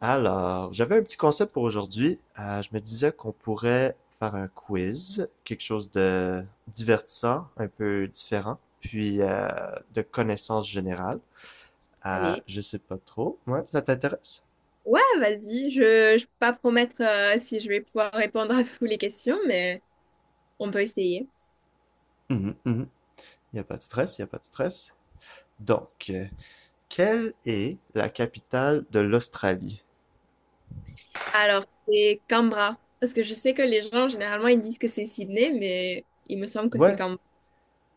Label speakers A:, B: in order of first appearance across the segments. A: Alors, j'avais un petit concept pour aujourd'hui. Je me disais qu'on pourrait faire un quiz, quelque chose de divertissant, un peu différent, puis de connaissances générales. Euh,
B: Allez.
A: je sais pas trop. Ouais, ça t'intéresse?
B: Ouais, vas-y. Je peux pas promettre si je vais pouvoir répondre à toutes les questions, mais on peut essayer.
A: Mhm, mhm. Il n'y a pas de stress, il n'y a pas de stress. Donc, quelle est la capitale de l'Australie?
B: Alors, c'est Canberra. Parce que je sais que les gens, généralement, ils disent que c'est Sydney, mais il me semble que c'est
A: Ouais,
B: Canberra.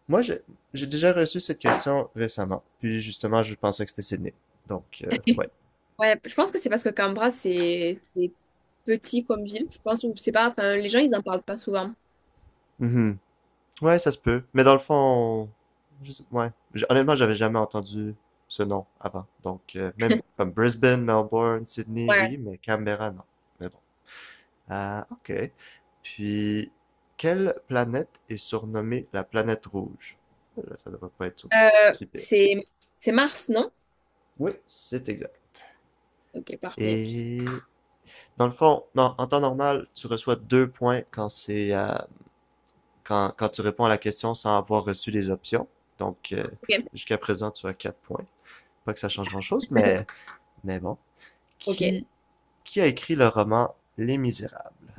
A: moi j'ai déjà reçu cette question récemment, puis justement je pensais que c'était Sydney. Donc, ouais.
B: Ouais, je pense que c'est parce que Canberra, c'est petit comme ville. Je pense, ou je sais pas, enfin, les gens, ils n'en parlent pas souvent.
A: Mhm. Ouais, ça se peut. Mais dans le fond, ouais. Honnêtement, j'avais jamais entendu ce nom avant. Donc, même comme Brisbane, Melbourne, Sydney,
B: Ouais.
A: oui, mais Canberra, non. Mais bon. Ah, ok. Puis, quelle planète est surnommée la planète rouge? Oh là, ça devrait pas être
B: Euh,
A: si pire.
B: c'est c'est Mars, non?
A: Oui, c'est exact.
B: Ok, parfait.
A: Et dans le fond, non, en temps normal, tu reçois 2 points quand c'est quand, quand tu réponds à la question sans avoir reçu les options. Donc, euh,
B: Ok,
A: jusqu'à présent, tu as 4 points. Pas que ça change grand-chose, mais bon.
B: ok.
A: Qui, qui a écrit le roman Les Misérables?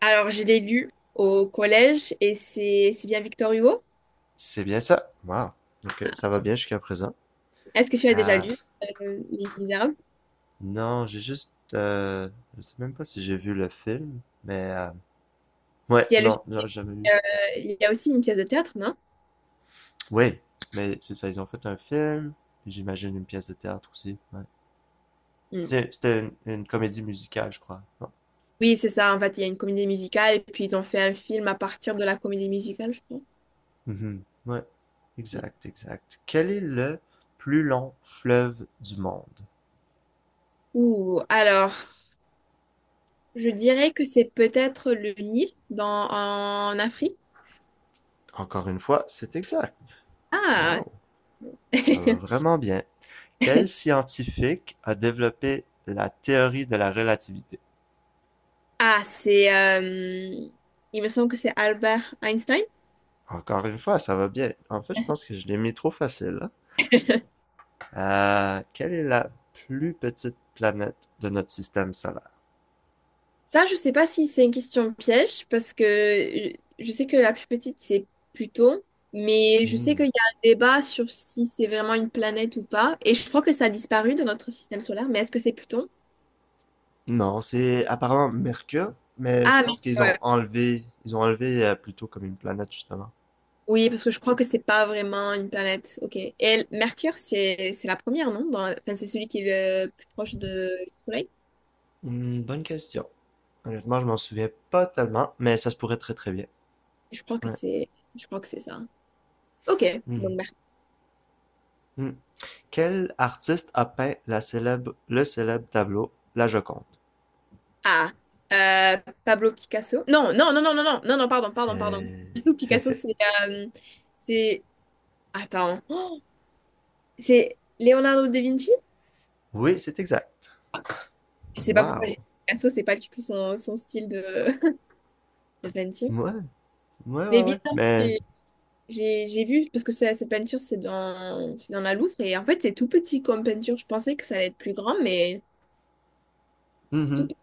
B: Alors, je l'ai lu au collège et c'est bien Victor Hugo?
A: C'est bien ça. Wow. Ok, ça va bien jusqu'à présent.
B: Est-ce que tu as déjà
A: Ah,
B: lu Les Misérables?
A: non, j'ai juste... Je sais même pas si j'ai vu le film, mais... euh,
B: Parce
A: ouais,
B: qu'il y a le,
A: non,
B: euh,
A: j'ai jamais vu.
B: il y a aussi une pièce de théâtre, non?
A: Oui, mais c'est ça, ils ont fait un film, j'imagine une pièce de théâtre aussi. Ouais.
B: Mm.
A: C'était une comédie musicale, je crois. Non?
B: Oui, c'est ça. En fait, il y a une comédie musicale et puis ils ont fait un film à partir de la comédie musicale, je crois.
A: Mhm. Ouais,
B: Mm.
A: exact, exact. Quel est le plus long fleuve du monde?
B: Ouh, alors, je dirais que c'est peut-être le Nil dans, en Afrique.
A: Encore une fois, c'est exact.
B: Ah,
A: Wow. Ça va vraiment bien. Quel scientifique a développé la théorie de la relativité?
B: ah, c'est, euh, il me semble que c'est Albert Einstein.
A: Encore une fois, ça va bien. En fait, je pense que je l'ai mis trop facile, hein. Quelle est la plus petite planète de notre système solaire?
B: Ça, je sais pas si c'est une question piège, parce que je sais que la plus petite, c'est Pluton, mais je sais
A: Hmm.
B: qu'il y a un débat sur si c'est vraiment une planète ou pas, et je crois que ça a disparu de notre système solaire, mais est-ce que c'est Pluton?
A: Non, c'est apparemment Mercure, mais je
B: Ah, mais
A: pense qu'ils ont
B: ouais.
A: enlevé, ils ont enlevé euh, plutôt comme une planète, justement.
B: Oui, parce que je crois que c'est pas vraiment une planète. Ok. Et l- Mercure, c'est la première, non? Dans la- Enfin, c'est celui qui est le plus proche de- du Soleil.
A: Hmm, bonne question. Honnêtement, je m'en souviens pas tellement, mais ça se pourrait très très bien.
B: Je crois que
A: Ouais.
B: c'est je crois que c'est ça. Ok.
A: Hmm.
B: Donc
A: Hmm. Quel artiste a peint la célèbre le célèbre tableau La Joconde?
B: Ah, euh, Pablo Picasso. Non, non, non, non, non, non, non, non, pardon, pardon, pardon.
A: Euh,
B: Pablo Picasso, euh, c'est, Oh, c'est Leonardo da Vinci?
A: Oui, c'est exact.
B: Je sais pas pourquoi j'ai
A: Wow!
B: dit Picasso, c'est pas du tout son, son style de, de peinture.
A: Ouais, ouais,
B: Mais
A: ouais, ouais.
B: bizarre,
A: Mais,
B: j'ai vu, parce que ce- cette peinture, c'est dans la Louvre, et en fait, c'est tout petit comme peinture. Je pensais que ça allait être plus grand, mais c'est
A: mhm.
B: tout petit.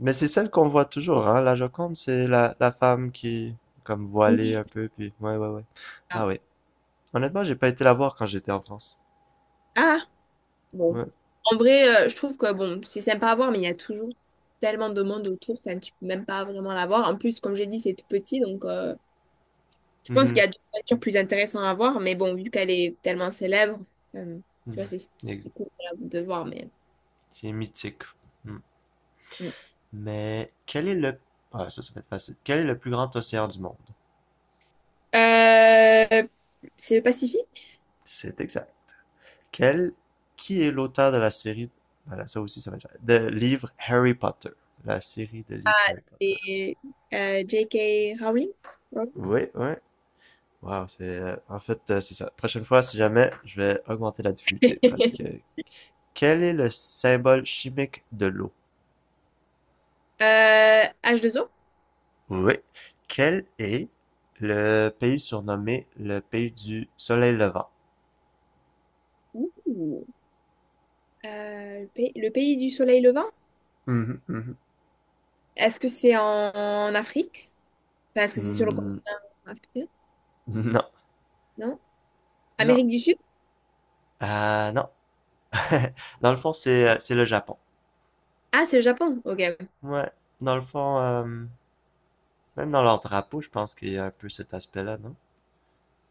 A: Mais c'est celle qu'on voit toujours, hein? La Joconde, c'est la femme qui, comme voilée
B: Oui.
A: un peu, puis ouais, ouais, ouais.
B: Ah,
A: Ah ouais. Honnêtement, j'ai pas été la voir quand j'étais en France.
B: Ah. Bon.
A: Ouais.
B: En vrai, je trouve que bon, c'est sympa à voir, mais il y a toujours tellement de monde autour, enfin, tu peux même pas vraiment la voir. En plus, comme j'ai dit, c'est tout petit, donc je pense qu'il
A: Mhm.
B: y a d'autres voitures plus intéressantes à voir, mais bon, vu qu'elle est tellement célèbre, euh, tu vois,
A: Mhm.
B: c'est
A: Ex-
B: c'est cool de voir, mais.
A: C'est mythique. Mm.
B: Mm.
A: Mais quel est le... Ah, ça va être facile. Quel est le plus grand océan du monde?
B: Euh, c'est le Pacifique
A: C'est exact. Quel, qui est l'auteur de la série voilà, ça aussi, ça va être... de livres Harry Potter. La série de livres Harry Potter.
B: et J.K. Rowling. Rowling.
A: Oui, oui. Wow, en fait, c'est ça. Prochaine fois, si jamais, je vais augmenter la difficulté parce que... Quel est le symbole chimique de l'eau?
B: H2O.
A: Oui. Quel est le pays surnommé le pays du soleil levant?
B: Ouh. Le pays du soleil levant.
A: Mhm, mhm.
B: Est-ce que c'est en Afrique? Parce que c'est sur le
A: Mm,
B: continent africain,
A: non,
B: non?
A: non.
B: Amérique du Sud?
A: Non. Dans le fond, c'est le Japon.
B: Ah, c'est le Japon. Ok.
A: Ouais. Dans le fond, même dans leur drapeau, je pense qu'il y a un peu cet aspect-là, non?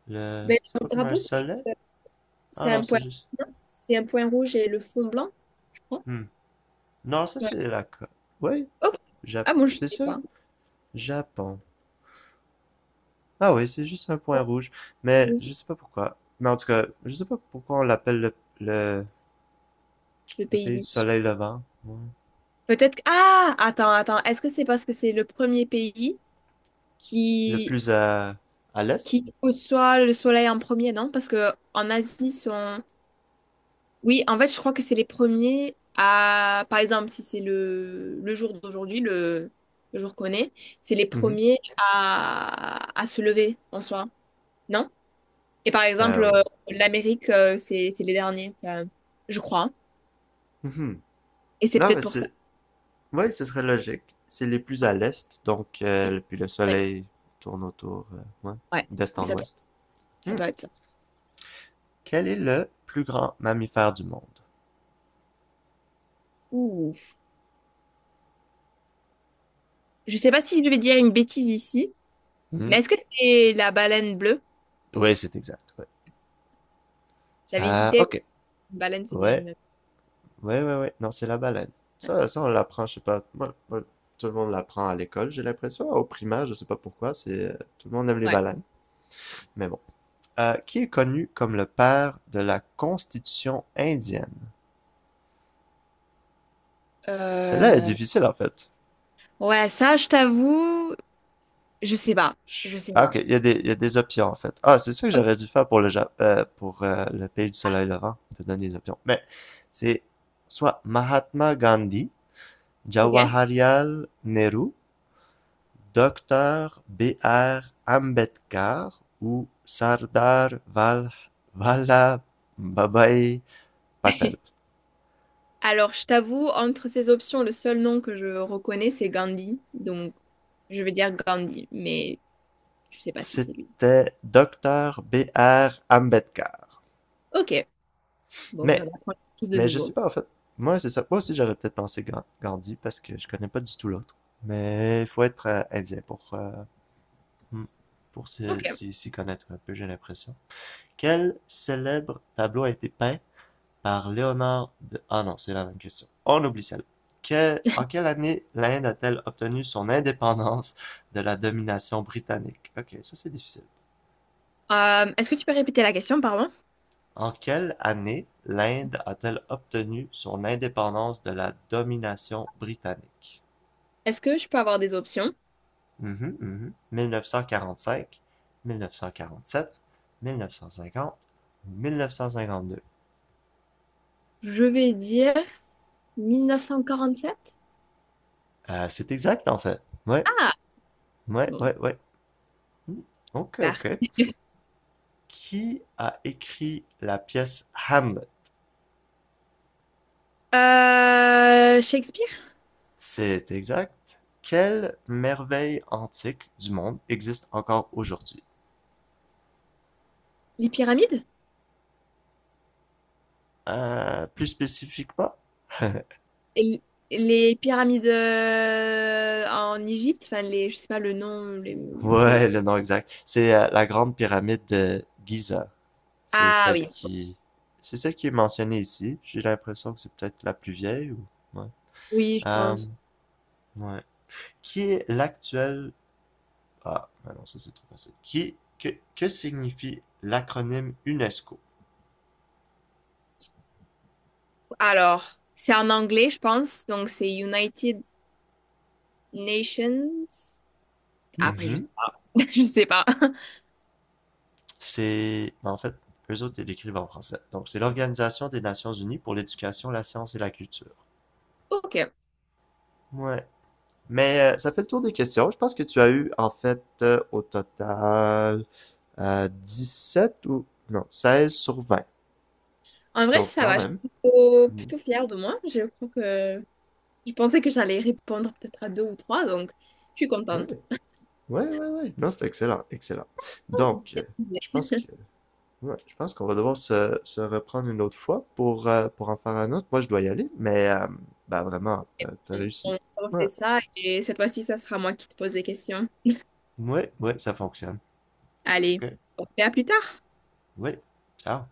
A: Le...
B: Ben,
A: C'est
B: le
A: pas comme un
B: drapeau,
A: soleil? Ah
B: c'est
A: non,
B: un
A: c'est
B: point.
A: juste...
B: Non, c'est un point rouge et le fond blanc, je crois.
A: Hmm. Non, ça
B: Ouais.
A: c'est la... Oui,
B: Ok. Ah
A: Japon.
B: bon, je
A: C'est
B: sais
A: ça?
B: pas.
A: Japon. Ah oui, c'est juste un point
B: Oh,
A: rouge. Mais
B: oh, c'est
A: je sais pas pourquoi. Mais en tout cas, je sais pas pourquoi on l'appelle le, le,
B: le
A: le
B: pays
A: pays du
B: du Sud.
A: soleil levant. Ouais.
B: Peut-être que... Ah! Attends, attends. Est-ce que c'est parce que c'est le premier pays
A: Le
B: qui...
A: plus à l'est?
B: qui reçoit le soleil en premier, non? Parce que en Asie, sont... Oui, en fait, je crois que c'est les premiers à, par exemple, si c'est le jour d'aujourd'hui, le jour qu'on est, c'est les
A: Mhm.
B: premiers à se lever en soi, non? Et par exemple,
A: Euh, au-
B: l'Amérique, c'est les derniers, je crois.
A: mhm.
B: Et c'est
A: Non,
B: peut-être
A: mais
B: pour ça.
A: c'est... Oui, ce serait logique. C'est les plus à l'est, donc
B: Oui.
A: euh, puis le
B: Ouais,
A: soleil tourne autour, ouais,
B: ouais.
A: d'est
B: Mais
A: en ouest.
B: ça
A: Hmm.
B: doit être ça.
A: Quel est le plus grand mammifère du monde?
B: Ouh. Je sais pas si je vais dire une bêtise ici,
A: Hmm.
B: mais est-ce que c'est la baleine bleue?
A: Oui, c'est exact, ouais.
B: J'avais
A: Ah,
B: hésité.
A: ok.
B: Une baleine, c'est bien
A: Ouais,
B: une.
A: ouais, ouais, ouais. Non, c'est la baleine. Ça, on l'apprend, je sais pas. Moi, moi, tout le monde l'apprend à l'école, j'ai l'impression. Au primaire, je sais pas pourquoi. C'est tout le monde aime les
B: Ouais.
A: baleines. Mais bon. Qui est connu comme le père de la Constitution indienne? Celle-là est
B: Euh,
A: difficile en fait.
B: ouais, ça, je t'avoue. Je sais pas, je sais
A: Ah, ok,
B: pas.
A: il y a des options en fait. Ah, c'est ça que
B: O-
A: j'aurais dû faire pour le pays du soleil levant, te donner les options. Mais c'est soit Mahatma Gandhi,
B: Ok.
A: Jawaharlal Nehru, Docteur B. R. Ambedkar ou Sardar Val Vallabhbhai Patel.
B: Alors, je t'avoue, entre ces options, le seul nom que je reconnais, c'est Gandhi. Donc, je vais dire Gandhi, mais je sais pas si c'est lui.
A: C'était Docteur B. R. Ambedkar.
B: Ok. Bon, ben,
A: Mais
B: on apprend tous de
A: Mais je sais
B: nouveau.
A: pas, en fait. Moi, c'est ça. Moi aussi, j'aurais peut-être pensé Gandhi parce que je connais pas du tout l'autre. Mais il faut être indien pour, hmm, pour s'y
B: Ok.
A: s'y- s'y connaître un peu, j'ai l'impression. Quel célèbre tableau a été peint par Léonard de... Ah non, c'est la même question. On oublie celle. Que... En quelle année l'Inde a-t-elle obtenu son indépendance de la domination britannique? Ok, ça c'est difficile.
B: Est-ce que tu peux répéter la question, pardon?
A: En quelle année l'Inde a-t-elle obtenu son indépendance de la domination britannique?
B: Est-ce que je peux avoir des options?
A: Mille neuf cent cinquante, mille neuf cent quarante quarante cinq sept Mhm, mhm. 1945, 1947, 1950, 1952.
B: Je vais dire 1947.
A: C'est exact en fait. Ouais,
B: Ah,
A: ouais,
B: bon,
A: ouais, ouais. Hmm, ok,
B: super.
A: ok. Qui a écrit la pièce Hamlet?
B: Shakespeare?
A: C'est exact. Quelle merveille antique du monde existe encore aujourd'hui?
B: Les pyramides?
A: Plus spécifiquement?
B: Et les pyramides en Égypte, enfin les, je sais pas le nom, les-
A: Ouais,
B: c'est-
A: le nom exact. C'est la Grande Pyramide de Giza. C'est
B: Ah
A: celle
B: oui,
A: qui... C'est celle qui est mentionnée ici. J'ai l'impression que c'est peut-être la plus vieille ou... Ouais.
B: oui, je
A: Euh,
B: pense.
A: ouais. Qui est l'actuel... Ah, bah non, ça c'est trop facile. Qui... Que signifie l'acronyme UNESCO?
B: Alors, c'est en anglais, je pense, donc c'est United Nations. Après, je sais
A: Mhm.
B: pas. Je sais pas.
A: En fait, eux autres, ils l'écrivent en français. Donc, c'est l'Organisation des Nations Unies pour l'éducation, la science et la culture.
B: Ok.
A: Ouais. Mais ça fait le tour des questions. Je pense que tu as eu, en fait, au total, sept ou... Non, 16 sur 20.
B: En vrai,
A: Donc,
B: ça
A: quand
B: va. Je suis
A: même. Mm.
B: plutôt fière de moi. Je crois que je pensais que j'allais répondre peut-être à deux ou trois, donc je suis
A: Ouais,
B: contente.
A: ouais, ouais, ouais. Non, c'est excellent, excellent. Donc, je pense que, ouais, je pense qu'on va devoir se reprendre une autre fois pour en faire un autre. Moi, je dois y aller, mais bah, vraiment, t'as réussi.
B: On
A: Ouais,
B: fait ça et cette fois-ci, ça sera moi qui te pose des questions.
A: ouais, ouais, ça fonctionne.
B: Allez,
A: Ok,
B: on fait à plus tard.
A: ouais, ciao.